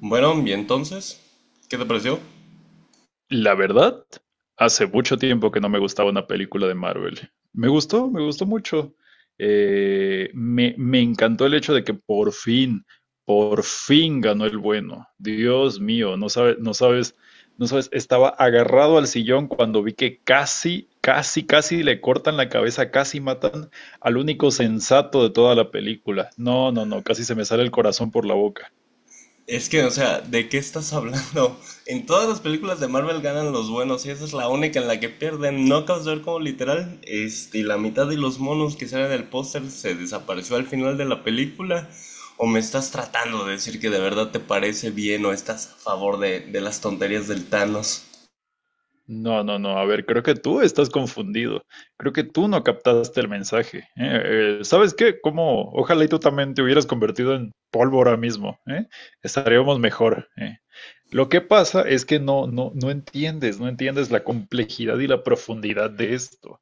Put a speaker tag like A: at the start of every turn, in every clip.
A: Bueno, y entonces, ¿qué te pareció?
B: La verdad, hace mucho tiempo que no me gustaba una película de Marvel. Me gustó mucho. Me encantó el hecho de que por fin ganó el bueno. Dios mío, no sabes, no sabes, no sabes, estaba agarrado al sillón cuando vi que casi, casi, casi le cortan la cabeza, casi matan al único sensato de toda la película. No, no, no, casi se me sale el corazón por la boca.
A: Es que, o sea, ¿de qué estás hablando? En todas las películas de Marvel ganan los buenos y esa es la única en la que pierden. No acabas de ver como literal, la mitad de los monos que salen del póster se desapareció al final de la película. ¿O me estás tratando de decir que de verdad te parece bien o estás a favor de las tonterías del Thanos?
B: No, no, no. A ver, creo que tú estás confundido. Creo que tú no captaste el mensaje. ¿Eh? ¿Sabes qué? Como, ojalá y tú también te hubieras convertido en polvo ahora mismo. ¿Eh? Estaríamos mejor. ¿Eh? Lo que pasa es que no entiendes, no entiendes la complejidad y la profundidad de esto.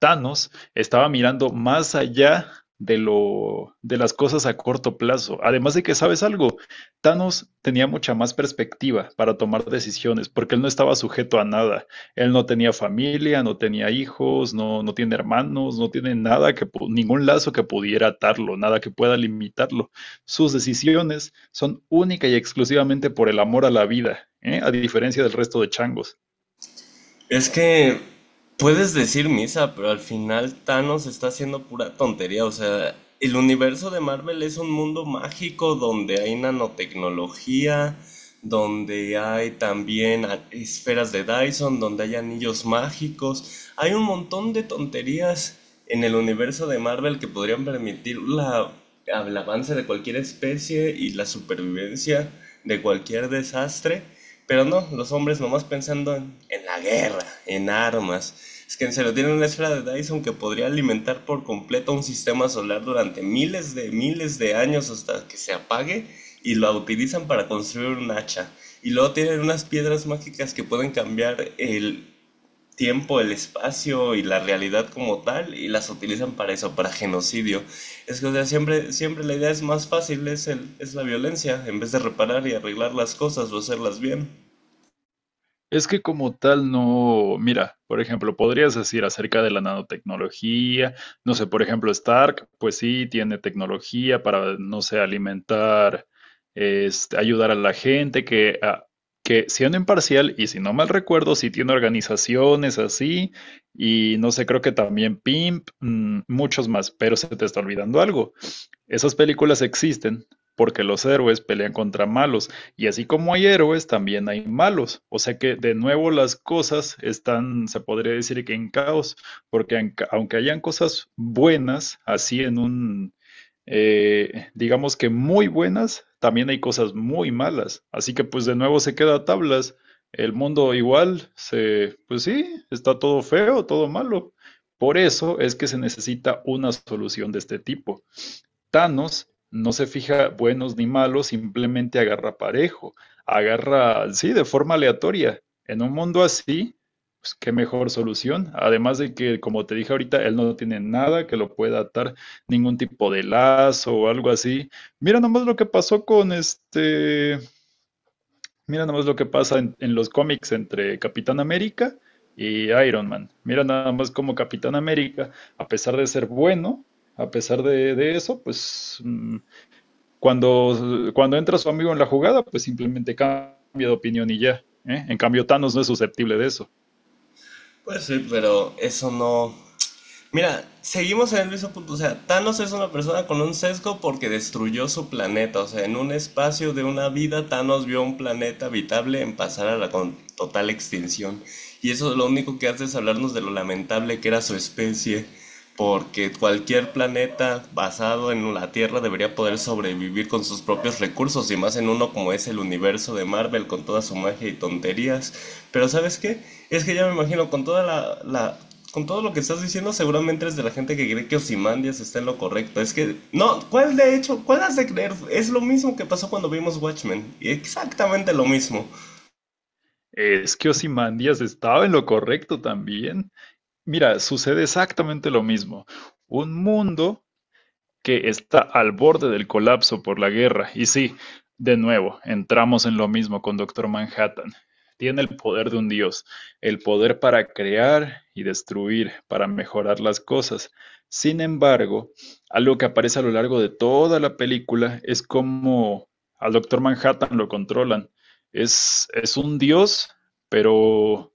B: Thanos estaba mirando más allá de lo de las cosas a corto plazo. Además de que, ¿sabes algo? Thanos tenía mucha más perspectiva para tomar decisiones, porque él no estaba sujeto a nada. Él no tenía familia, no tenía hijos, no, no tiene hermanos, no tiene nada que ningún lazo que pudiera atarlo, nada que pueda limitarlo. Sus decisiones son única y exclusivamente por el amor a la vida, ¿eh? A diferencia del resto de changos.
A: Es que puedes decir misa, pero al final Thanos está haciendo pura tontería. O sea, el universo de Marvel es un mundo mágico donde hay nanotecnología, donde hay también esferas de Dyson, donde hay anillos mágicos. Hay un montón de tonterías en el universo de Marvel que podrían permitir el avance de cualquier especie y la supervivencia de cualquier desastre. Pero no, los hombres nomás pensando en la guerra, en armas. Es que se lo tienen una esfera de Dyson que podría alimentar por completo un sistema solar durante miles de años hasta que se apague y lo utilizan para construir un hacha. Y luego tienen unas piedras mágicas que pueden cambiar el tiempo, el espacio y la realidad como tal y las utilizan para eso, para genocidio. Es que, o sea, siempre, siempre la idea es más fácil, es la violencia, en vez de reparar y arreglar las cosas o hacerlas bien.
B: Es que como tal no, mira, por ejemplo, podrías decir acerca de la nanotecnología, no sé, por ejemplo, Stark, pues sí, tiene tecnología para, no sé, alimentar, este, ayudar a la gente, que, que siendo imparcial, y si no mal recuerdo, sí tiene organizaciones así, y no sé, creo que también Pimp, mm, muchos más, pero se te está olvidando algo. Esas películas existen porque los héroes pelean contra malos y así como hay héroes también hay malos, o sea que de nuevo las cosas están, se podría decir que en caos, porque aunque hayan cosas buenas, así en un, digamos que muy buenas, también hay cosas muy malas, así que pues de nuevo se queda a tablas, el mundo igual, se, pues sí, está todo feo, todo malo, por eso es que se necesita una solución de este tipo. Thanos no se fija buenos ni malos, simplemente agarra parejo, agarra, sí, de forma aleatoria. En un mundo así, pues qué mejor solución. Además de que, como te dije ahorita, él no tiene nada que lo pueda atar, ningún tipo de lazo o algo así. Mira nomás lo que pasó con este, mira nomás lo que pasa en los cómics entre Capitán América y Iron Man. Mira nada más como Capitán América, a pesar de ser bueno, a pesar de eso, pues mm, cuando entra su amigo en la jugada, pues simplemente cambia de opinión y ya. ¿Eh? En cambio, Thanos no es susceptible de eso.
A: Pues sí, pero eso no. Mira, seguimos en el mismo punto. O sea, Thanos es una persona con un sesgo porque destruyó su planeta. O sea, en un espacio de una vida, Thanos vio un planeta habitable en pasar a la con total extinción. Y eso lo único que hace es hablarnos de lo lamentable que era su especie porque cualquier planeta basado en la Tierra debería poder sobrevivir con sus propios recursos y más en uno como es el universo de Marvel con toda su magia y tonterías. Pero ¿sabes qué? Es que ya me imagino con toda la, con todo lo que estás diciendo seguramente es de la gente que cree que Ozymandias está en lo correcto. Es que no, ¿cuál de hecho? ¿Cuál has de creer? Es lo mismo que pasó cuando vimos Watchmen, y exactamente lo mismo.
B: Es que Ozymandias estaba en lo correcto también. Mira, sucede exactamente lo mismo. Un mundo que está al borde del colapso por la guerra. Y sí, de nuevo, entramos en lo mismo con Doctor Manhattan. Tiene el poder de un dios, el poder para crear y destruir, para mejorar las cosas. Sin embargo, algo que aparece a lo largo de toda la película es como al Doctor Manhattan lo controlan. Es un dios, pero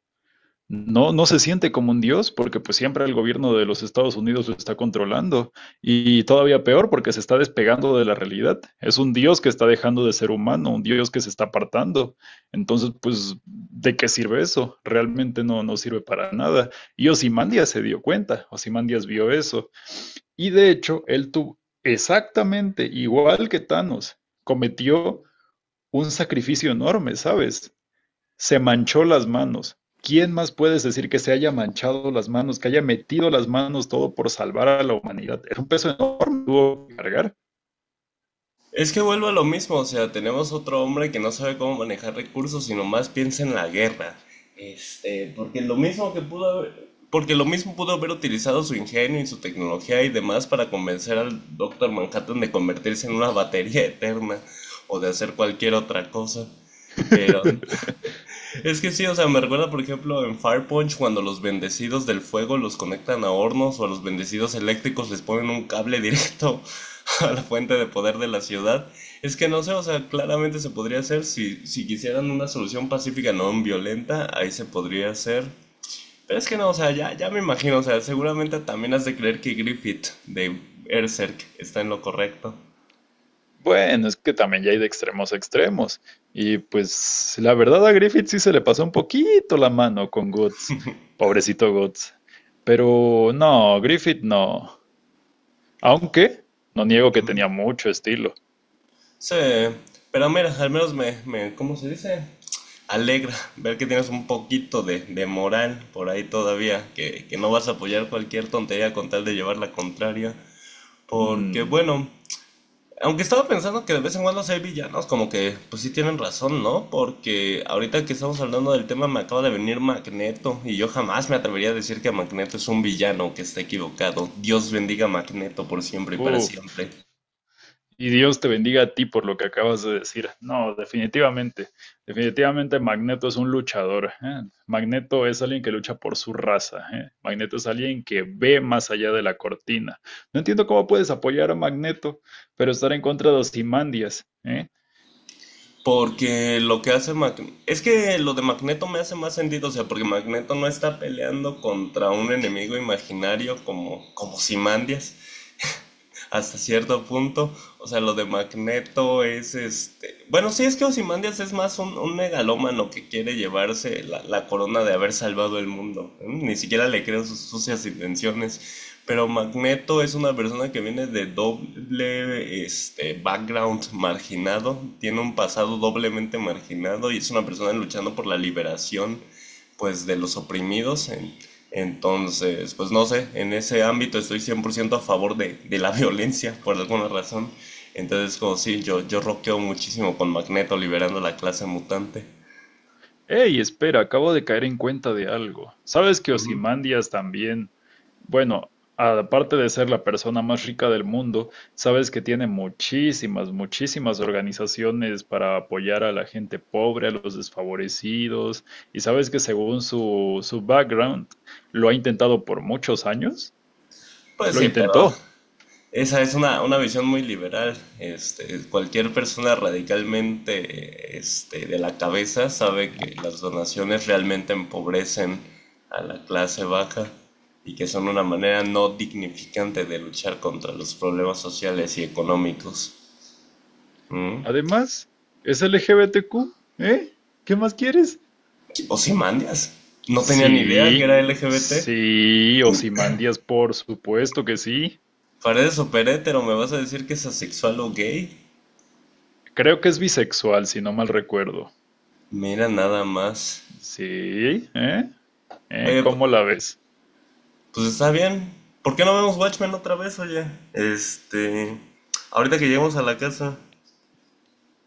B: no se siente como un dios porque pues siempre el gobierno de los Estados Unidos lo está controlando y todavía peor porque se está despegando de la realidad. Es un dios que está dejando de ser humano, un dios que se está apartando. Entonces, pues, ¿de qué sirve eso? Realmente no sirve para nada. Y Ozymandias se dio cuenta, Ozymandias vio eso. Y de hecho, él tuvo exactamente igual que Thanos, cometió un sacrificio enorme, ¿sabes? Se manchó las manos. ¿Quién más puedes decir que se haya manchado las manos, que haya metido las manos todo por salvar a la humanidad? Era un peso enorme, tuvo que cargar.
A: Es que vuelvo a lo mismo, o sea, tenemos otro hombre que no sabe cómo manejar recursos, sino más piensa en la guerra. Este, porque lo mismo que pudo haber, porque lo mismo pudo haber utilizado su ingenio y su tecnología y demás para convencer al Doctor Manhattan de convertirse en una batería eterna o de hacer cualquier otra cosa. Pero es que sí, o sea, me recuerda, por ejemplo, en Fire Punch, cuando los bendecidos del fuego los conectan a hornos o a los bendecidos eléctricos les ponen un cable directo a la fuente de poder de la ciudad. Es que no sé, o sea, claramente se podría hacer si quisieran una solución pacífica no violenta, ahí se podría hacer. Pero es que no, o sea, ya, ya me imagino, o sea, seguramente también has de creer que Griffith de Berserk está en lo correcto.
B: Bueno, es que también ya hay de extremos a extremos. Y pues la verdad a Griffith sí se le pasó un poquito la mano con Guts. Pobrecito Guts. Pero no, Griffith no. Aunque no niego que tenía mucho estilo.
A: Sí, pero mira, al menos ¿cómo se dice? Alegra ver que tienes un poquito de moral por ahí todavía, que no vas a apoyar cualquier tontería con tal de llevar la contraria, porque
B: Mm,
A: bueno, aunque estaba pensando que de vez en cuando sí hay villanos, como que pues sí tienen razón, ¿no? Porque ahorita que estamos hablando del tema me acaba de venir Magneto y yo jamás me atrevería a decir que Magneto es un villano que está equivocado. Dios bendiga a Magneto por siempre y para
B: uf,
A: siempre.
B: y Dios te bendiga a ti por lo que acabas de decir. No, definitivamente, definitivamente Magneto es un luchador. ¿Eh? Magneto es alguien que lucha por su raza. ¿Eh? Magneto es alguien que ve más allá de la cortina. No entiendo cómo puedes apoyar a Magneto, pero estar en contra de Osimandias. ¿Eh?
A: Porque lo que hace Magneto... Es que lo de Magneto me hace más sentido, o sea, porque Magneto no está peleando contra un enemigo imaginario como Simandias, hasta cierto punto. O sea, lo de Magneto es este. Bueno, sí, es que Ozymandias es más un, megalómano que quiere llevarse la, corona de haber salvado el mundo. ¿Eh? Ni siquiera le creo sus sucias intenciones. Pero Magneto es una persona que viene de doble background marginado, tiene un pasado doblemente marginado y es una persona luchando por la liberación pues de los oprimidos entonces, pues no sé, en ese ámbito estoy 100% a favor de la violencia por alguna razón. Entonces, como sí, yo roqueo muchísimo con Magneto liberando la clase mutante.
B: Ey, espera, acabo de caer en cuenta de algo. ¿Sabes que Osimandias también? Bueno, aparte de ser la persona más rica del mundo, sabes que tiene muchísimas, muchísimas organizaciones para apoyar a la gente pobre, a los desfavorecidos, y sabes que según su, su background, lo ha intentado por muchos años,
A: Pues
B: lo
A: sí, pero
B: intentó.
A: esa es una, visión muy liberal. Este, cualquier persona radicalmente de la cabeza sabe que las donaciones realmente empobrecen a la clase baja y que son una manera no dignificante de luchar contra los problemas sociales y económicos. ¿Mm?
B: Además, es LGBTQ, ¿eh? ¿Qué más quieres?
A: Ozymandias. No tenía ni idea que
B: Sí,
A: era LGBT.
B: sí, Ozymandias, por supuesto que sí.
A: Paredes super hétero, ¿me vas a decir que es asexual o gay?
B: Creo que es bisexual, si no mal recuerdo.
A: Mira nada más.
B: Sí, ¿eh? ¿Eh?
A: Oye,
B: ¿Cómo la ves?
A: pues está bien. ¿Por qué no vemos Watchmen otra vez, oye? Este. Ahorita que lleguemos a la casa,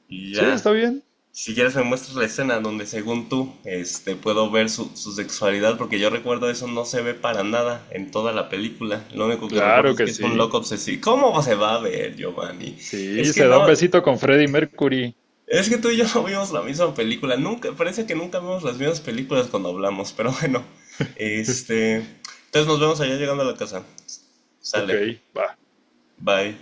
A: y
B: Sí,
A: ya.
B: está bien.
A: Si quieres me muestras la escena donde según tú, este, puedo ver su sexualidad, porque yo recuerdo eso no se ve para nada en toda la película. Lo único que recuerdo
B: Claro
A: es
B: que
A: que es un
B: sí.
A: loco obsesivo. ¿Cómo se va a ver, Giovanni? Es
B: Sí,
A: que
B: se da un
A: no.
B: besito con Freddie Mercury.
A: Es que tú y yo no vimos la misma película. Nunca, parece que nunca vemos las mismas películas cuando hablamos, pero bueno. Este, entonces nos vemos allá llegando a la casa.
B: Ok,
A: Sale.
B: va.
A: Bye.